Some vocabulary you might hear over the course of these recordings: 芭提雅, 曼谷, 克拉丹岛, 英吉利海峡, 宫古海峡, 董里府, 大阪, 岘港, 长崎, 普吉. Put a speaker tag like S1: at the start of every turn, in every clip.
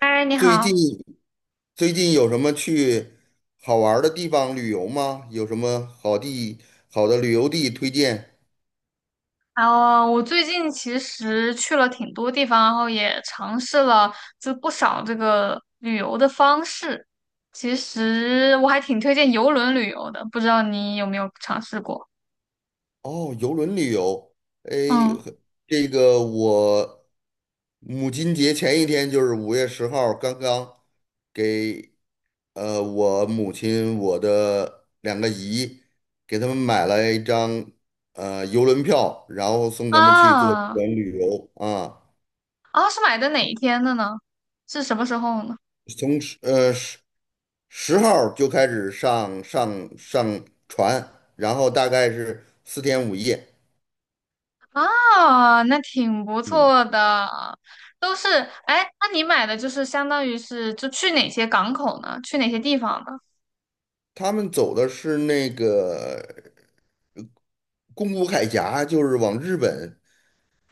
S1: 嗨，你
S2: 最近
S1: 好。
S2: 最近有什么去好玩儿的地方旅游吗？有什么好的旅游地推荐？
S1: 我最近其实去了挺多地方，然后也尝试了不少这个旅游的方式。其实我还挺推荐游轮旅游的，不知道你有没有尝试过？
S2: 哦，游轮旅游，哎，
S1: 嗯。
S2: 很这个我母亲节前一天就是5月10号，刚刚给我母亲我的两个姨给他们买了一张游轮票，然后送他们去做游
S1: 啊
S2: 轮旅游啊，
S1: 是买的哪一天的呢？是什么时候呢？
S2: 从十号就开始上船，然后大概是4天5夜。
S1: 啊，那挺不
S2: 嗯，
S1: 错的。都是，哎，那你买的就是相当于是就去哪些港口呢？去哪些地方呢？
S2: 他们走的是那个宫古海峡，就是往日本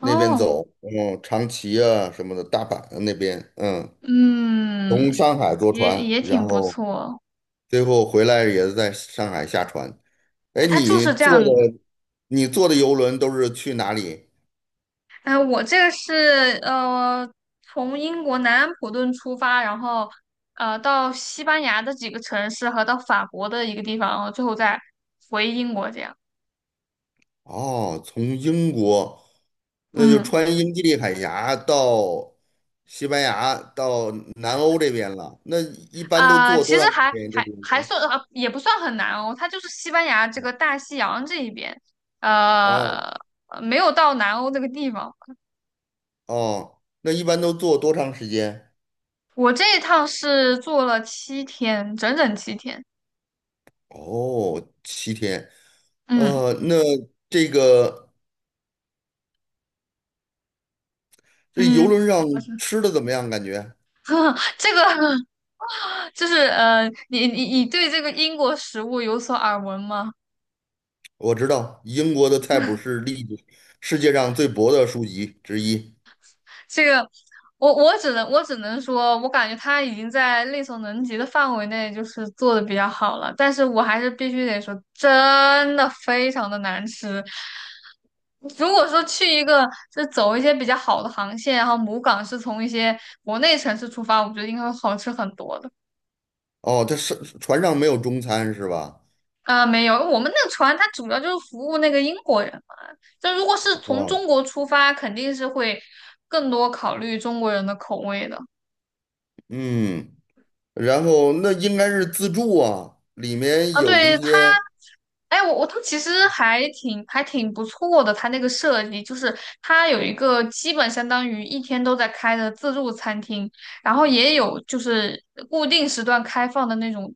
S2: 那边走，长崎啊什么的，大阪啊那边，从
S1: 嗯，
S2: 上海坐
S1: 也
S2: 船，
S1: 也
S2: 然
S1: 挺不
S2: 后
S1: 错。
S2: 最后回来也是在上海下船。哎，
S1: 它就
S2: 你
S1: 是这
S2: 坐
S1: 样的。
S2: 的你坐的游轮都是去哪里？
S1: 哎，我这个是从英国南安普顿出发，然后到西班牙的几个城市和到法国的一个地方，然后最后再回英国这样。
S2: 哦，从英国，那就
S1: 嗯，
S2: 穿英吉利海峡到西班牙，到南欧这边了。那一般都
S1: 啊、
S2: 坐
S1: 其
S2: 多
S1: 实
S2: 长时
S1: 还
S2: 间？这
S1: 还
S2: 个
S1: 还
S2: 轮
S1: 算呃也不算很难哦。它就是西班牙这个大西洋这一边，
S2: 哦
S1: 呃，没有到南欧这个地方。
S2: 哦，那一般都坐多长时间？
S1: 我这一趟是坐了七天，整整七天。
S2: 哦，7天。
S1: 嗯。
S2: 那这个这游
S1: 嗯，
S2: 轮上
S1: 怎么说？
S2: 吃的怎么样？
S1: 这个就是你对这个英国食物有所耳闻吗？
S2: 我知道英国的菜谱是世界上最薄的书籍之一。
S1: 这个，我只能说，我感觉他已经在力所能及的范围内，就是做的比较好了。但是我还是必须得说，真的非常的难吃。如果说去一个走一些比较好的航线，然后母港是从一些国内城市出发，我觉得应该会好吃很多的。
S2: 哦，它是船上没有中餐是吧？
S1: 啊，没有，我们那个船它主要就是服务那个英国人嘛。就如果是从
S2: 哦，
S1: 中国出发，肯定是会更多考虑中国人的口味的。
S2: 嗯。然后那应该是自助啊，里面
S1: 啊，
S2: 有一
S1: 对它，
S2: 些
S1: 哎，它其实还挺不错的，它那个设计就是它有一个基本相当于一天都在开的自助餐厅，然后也有就是固定时段开放的那种，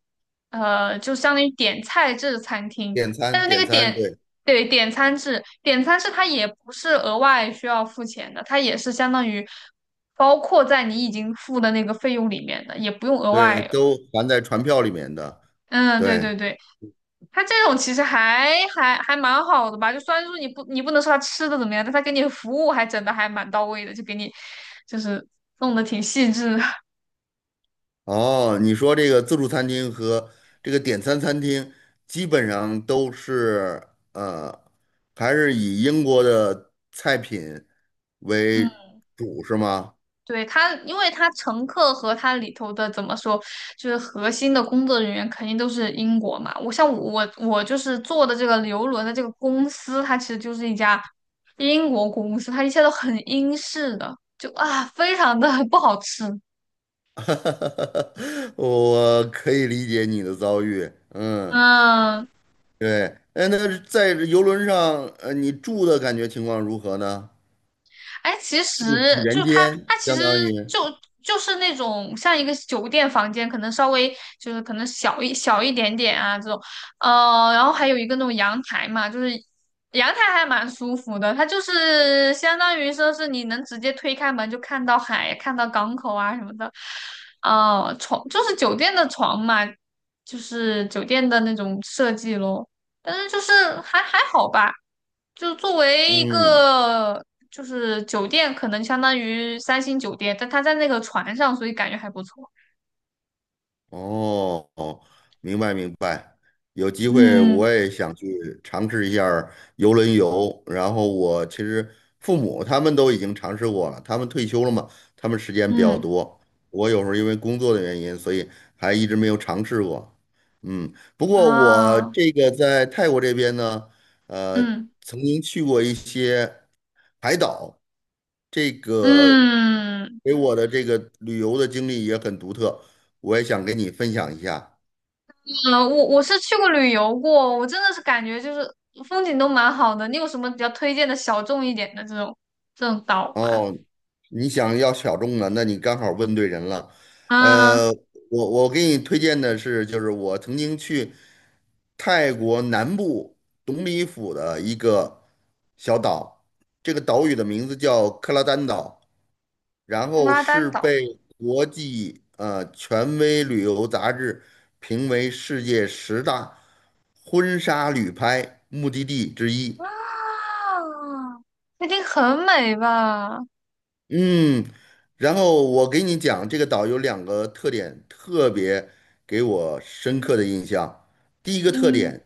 S1: 呃，就相当于点菜制餐厅，
S2: 点
S1: 但
S2: 餐，
S1: 是那
S2: 点
S1: 个
S2: 餐，
S1: 点。
S2: 对
S1: 对，点餐制它也不是额外需要付钱的，它也是相当于包括在你已经付的那个费用里面的，也不用额
S2: 对，
S1: 外。
S2: 都含在船票里面的。
S1: 嗯，对
S2: 对，
S1: 对对。它这种其实还蛮好的吧，就虽然说你不能说它吃的怎么样，但它给你服务还整的还蛮到位的，就给你就是弄得挺细致的。
S2: 哦，你说这个自助餐厅和这个点餐餐厅，基本上呃，还是以英国的菜品为
S1: 嗯，
S2: 主，是吗？
S1: 对，它，因为它乘客和它里头的怎么说，就是核心的工作人员肯定都是英国嘛。我像我我就是做的这个游轮的这个公司，它其实就是一家英国公司，它一切都很英式的，就啊非常的 不好吃。
S2: 我可以理解你的遭遇，嗯，
S1: 嗯，
S2: 对，哎，那在游轮上，你住的感觉情况如何呢？
S1: 哎，其实
S2: 是不是几
S1: 就
S2: 人
S1: 是
S2: 间，
S1: 它其
S2: 相
S1: 实
S2: 当于，
S1: 就就是那种像一个酒店房间，可能稍微就是可能小一点点啊这种，呃，然后还有一个那种阳台嘛，就是阳台还蛮舒服的，它就是相当于说是你能直接推开门就看到海，看到港口啊什么的，呃，床就是酒店的床嘛，就是酒店的那种设计咯，但是就是还还好吧。就作为一
S2: 嗯
S1: 个就是酒店可能相当于三星酒店，但它在那个船上，所以感觉还不错。
S2: 哦哦，明白明白。有机会
S1: 嗯。
S2: 我也想去尝试一下儿游轮游。然后我其实父母他们都已经尝试过了，他们退休了嘛，他们时间比较
S1: 嗯。
S2: 多。我有时候因为工作的原因，所以还一直没有尝试过。嗯，不过我
S1: 啊。
S2: 这个在泰国这边呢，呃，
S1: 嗯
S2: 曾经去过一些海岛，这个
S1: 嗯
S2: 给我的这个旅游的经历也很独特。我也想跟你分享一下
S1: 嗯，我我是去过旅游过，我真的是感觉就是风景都蛮好的。你有什么比较推荐的小众一点的这种岛吗？
S2: 哦。你想要小众的，那你刚好问对人了。
S1: 嗯。
S2: 呃，我给你推荐的是，就是我曾经去泰国南部董里府的一个小岛，这个岛屿的名字叫克拉丹岛，然后
S1: 拉丹
S2: 是
S1: 岛
S2: 被国际权威旅游杂志评为世界十大婚纱旅拍目的地之一。
S1: 啊，那一定很美吧？
S2: 嗯，然后我给你讲，这个岛有两个特点，特别给我深刻的印象。第一个特
S1: 嗯。
S2: 点，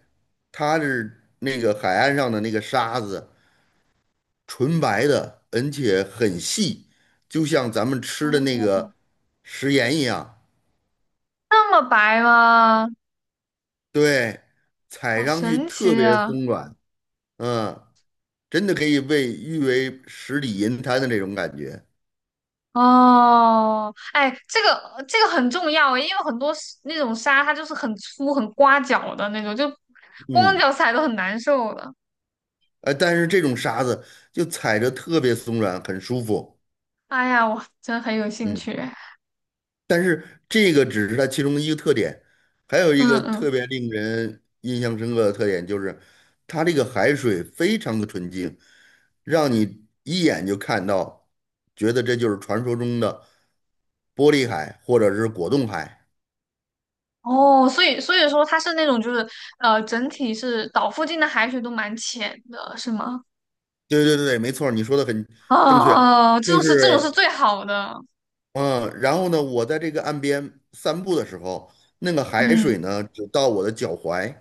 S2: 它是那个海岸上的那个沙子，纯白的，而且很细，就像咱们吃的那
S1: 哦，
S2: 个食盐一样。
S1: 那么白吗？
S2: 对，踩
S1: 好
S2: 上去
S1: 神
S2: 特
S1: 奇
S2: 别
S1: 啊！
S2: 松软，嗯，真的可以被誉为十里银滩的那种感觉。
S1: 哦，哎，这个很重要诶，因为很多是那种沙它就是很粗、很刮脚的那种，就光
S2: 嗯，
S1: 脚踩都很难受的。
S2: 但是这种沙子就踩着特别松软，很舒服。
S1: 哎呀，我真很有兴
S2: 嗯，
S1: 趣。
S2: 但是这个只是它其中的一个特点，还有一个
S1: 嗯
S2: 特
S1: 嗯。
S2: 别令人印象深刻的特点就是，它这个海水非常的纯净，让你一眼就看到，觉得这就是传说中的玻璃海或者是果冻海。
S1: 哦，所以说它是那种就是呃，整体是岛附近的海水都蛮浅的，是吗？
S2: 对对对没错儿你说的很
S1: 哦，
S2: 正确，就
S1: 这种是
S2: 是
S1: 最好的。
S2: 嗯，然后呢，我在这个岸边散步的时候，那个海水
S1: 嗯，
S2: 呢只到我的脚踝，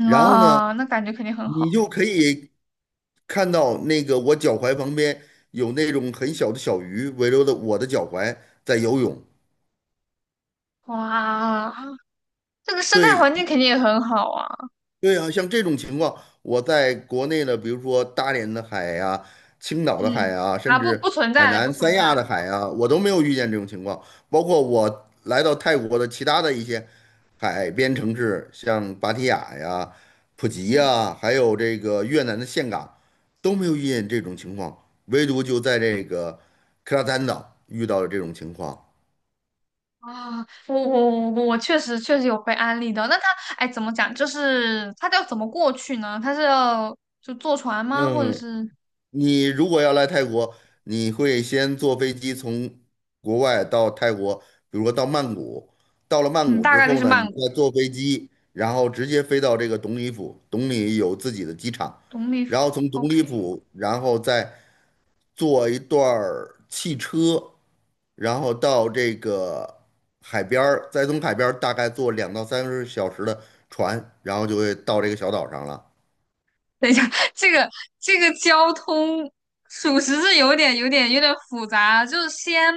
S2: 然后呢。
S1: 哦那感觉肯定很
S2: 你
S1: 好。
S2: 就可以看到那个我脚踝旁边有那种很小的小鱼围绕着我的脚踝在游泳。
S1: 哇，这个生态
S2: 对，
S1: 环境肯定也很好啊。
S2: 对啊，像这种情况，我在国内的，比如说大连的海呀、青岛的海
S1: 嗯，
S2: 啊，
S1: 啊，
S2: 甚至
S1: 不存
S2: 海
S1: 在的，不
S2: 南
S1: 存
S2: 三
S1: 在
S2: 亚的
S1: 的。
S2: 海啊，我都没有遇见这种情况。包括我来到泰国的其他的一些海边城市，像芭提雅呀、普吉
S1: 嗯。
S2: 呀，还有这个越南的岘港，都没有遇见这种情况，唯独就在这个克拉丹岛遇到了这种情况。
S1: 啊，我确实有被安利的。那他哎，怎么讲？就是他要怎么过去呢？他是要就坐船吗？或者
S2: 嗯，
S1: 是
S2: 你如果要来泰国，你会先坐飞机从国外到泰国，比如说到曼谷。到了曼
S1: 嗯，
S2: 谷
S1: 大
S2: 之
S1: 概率
S2: 后
S1: 是
S2: 呢，你
S1: 曼谷
S2: 再坐飞机，然后直接飞到这个董里府。董里有自己的机场，
S1: 东丽
S2: 然后
S1: 府。
S2: 从董里
S1: OK,
S2: 府，然后再坐一段儿汽车，然后到这个海边儿，再从海边儿大概坐2到3个小时的船，然后就会到这个小岛上了。
S1: 等一下。这个这个交通属实是有点复杂，就是先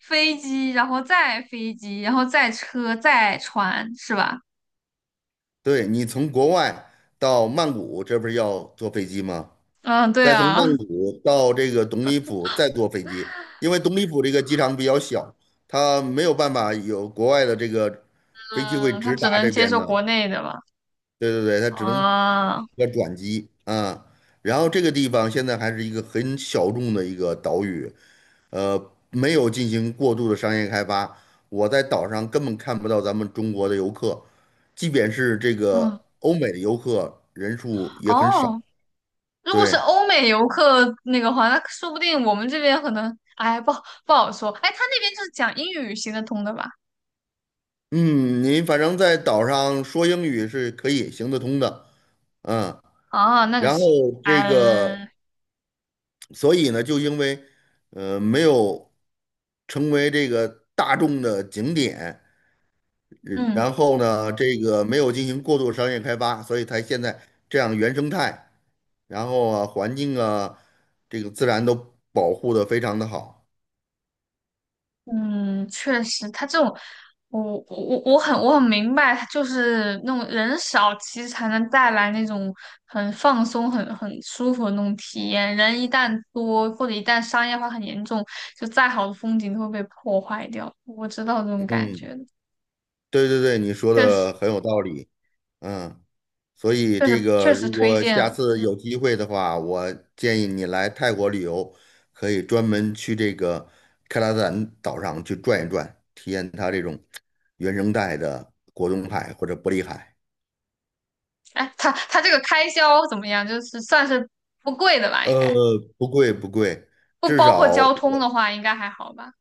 S1: 飞机，然后再飞机，然后再车，再船，是吧？
S2: 对，你从国外到曼谷，这不是要坐飞机吗？
S1: 嗯，对
S2: 再从
S1: 啊。
S2: 曼谷到这个董里府再坐飞机，因为董里府这个机场比较小，它没有办法有国外的这个飞机会
S1: 嗯，他
S2: 直达
S1: 只能
S2: 这
S1: 接
S2: 边
S1: 受
S2: 的。
S1: 国内的吧？
S2: 对对对，它只能
S1: 啊。
S2: 要转机啊。然后这个地方现在还是一个很小众的一个岛屿，没有进行过度的商业开发。我在岛上根本看不到咱们中国的游客，即便是这个
S1: 嗯。
S2: 欧美的游客人数也很少。
S1: 哦，如果是
S2: 对，
S1: 欧美游客那个话，那说不定我们这边可能，哎，不好说。哎，他那边就是讲英语行得通的吧？
S2: 嗯，您反正在岛上说英语是可以行得通的，嗯，
S1: 啊，那就
S2: 然后
S1: 行。
S2: 这个，
S1: 嗯。
S2: 所以呢，就因为没有成为这个大众的景点，
S1: 嗯。
S2: 然后呢，这个没有进行过度商业开发，所以它现在这样原生态，然后啊，环境啊，这个自然都保护的非常的好。
S1: 嗯，确实，他这种，我我很明白，就是那种人少，其实才能带来那种很放松、很舒服的那种体验。人一旦多，或者一旦商业化很严重，就再好的风景都会被破坏掉。我知道这种感觉
S2: 嗯，
S1: 的。
S2: 对对对，你说
S1: 确实。
S2: 的很有道理。嗯，所以
S1: 确
S2: 这
S1: 实
S2: 个
S1: 确实
S2: 如
S1: 推
S2: 果
S1: 荐。
S2: 下次有机会的话，我建议你来泰国旅游，可以专门去这个克拉赞岛上去转一转，体验它这种原生态的果冻海或者玻璃海。
S1: 哎，它这个开销怎么样？就是算是不贵的吧，应
S2: 呃，
S1: 该
S2: 不贵不贵，
S1: 不
S2: 至
S1: 包
S2: 少
S1: 括交通
S2: 我
S1: 的话，应该还好吧？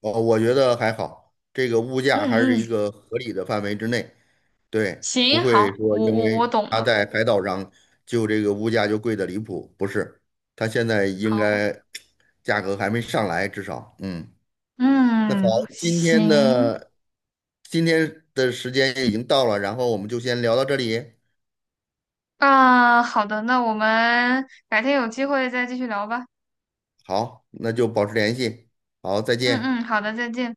S2: 呃我觉得还好，这个物价还
S1: 嗯
S2: 是
S1: 嗯，
S2: 一个合理的范围之内，对，不
S1: 行，
S2: 会
S1: 好，
S2: 说
S1: 我
S2: 因
S1: 我我
S2: 为
S1: 懂
S2: 他
S1: 了，
S2: 在海岛上就这个物价就贵的离谱，不是，他现在应
S1: 好，
S2: 该价格还没上来，至少，嗯，那好，
S1: 嗯，
S2: 今天
S1: 行，
S2: 的今天的时间已经到了，然后我们就先聊到这里，
S1: 啊，好的，那我们改天有机会再继续聊吧。
S2: 好，那就保持联系，好，再
S1: 嗯
S2: 见。
S1: 嗯，好的，再见。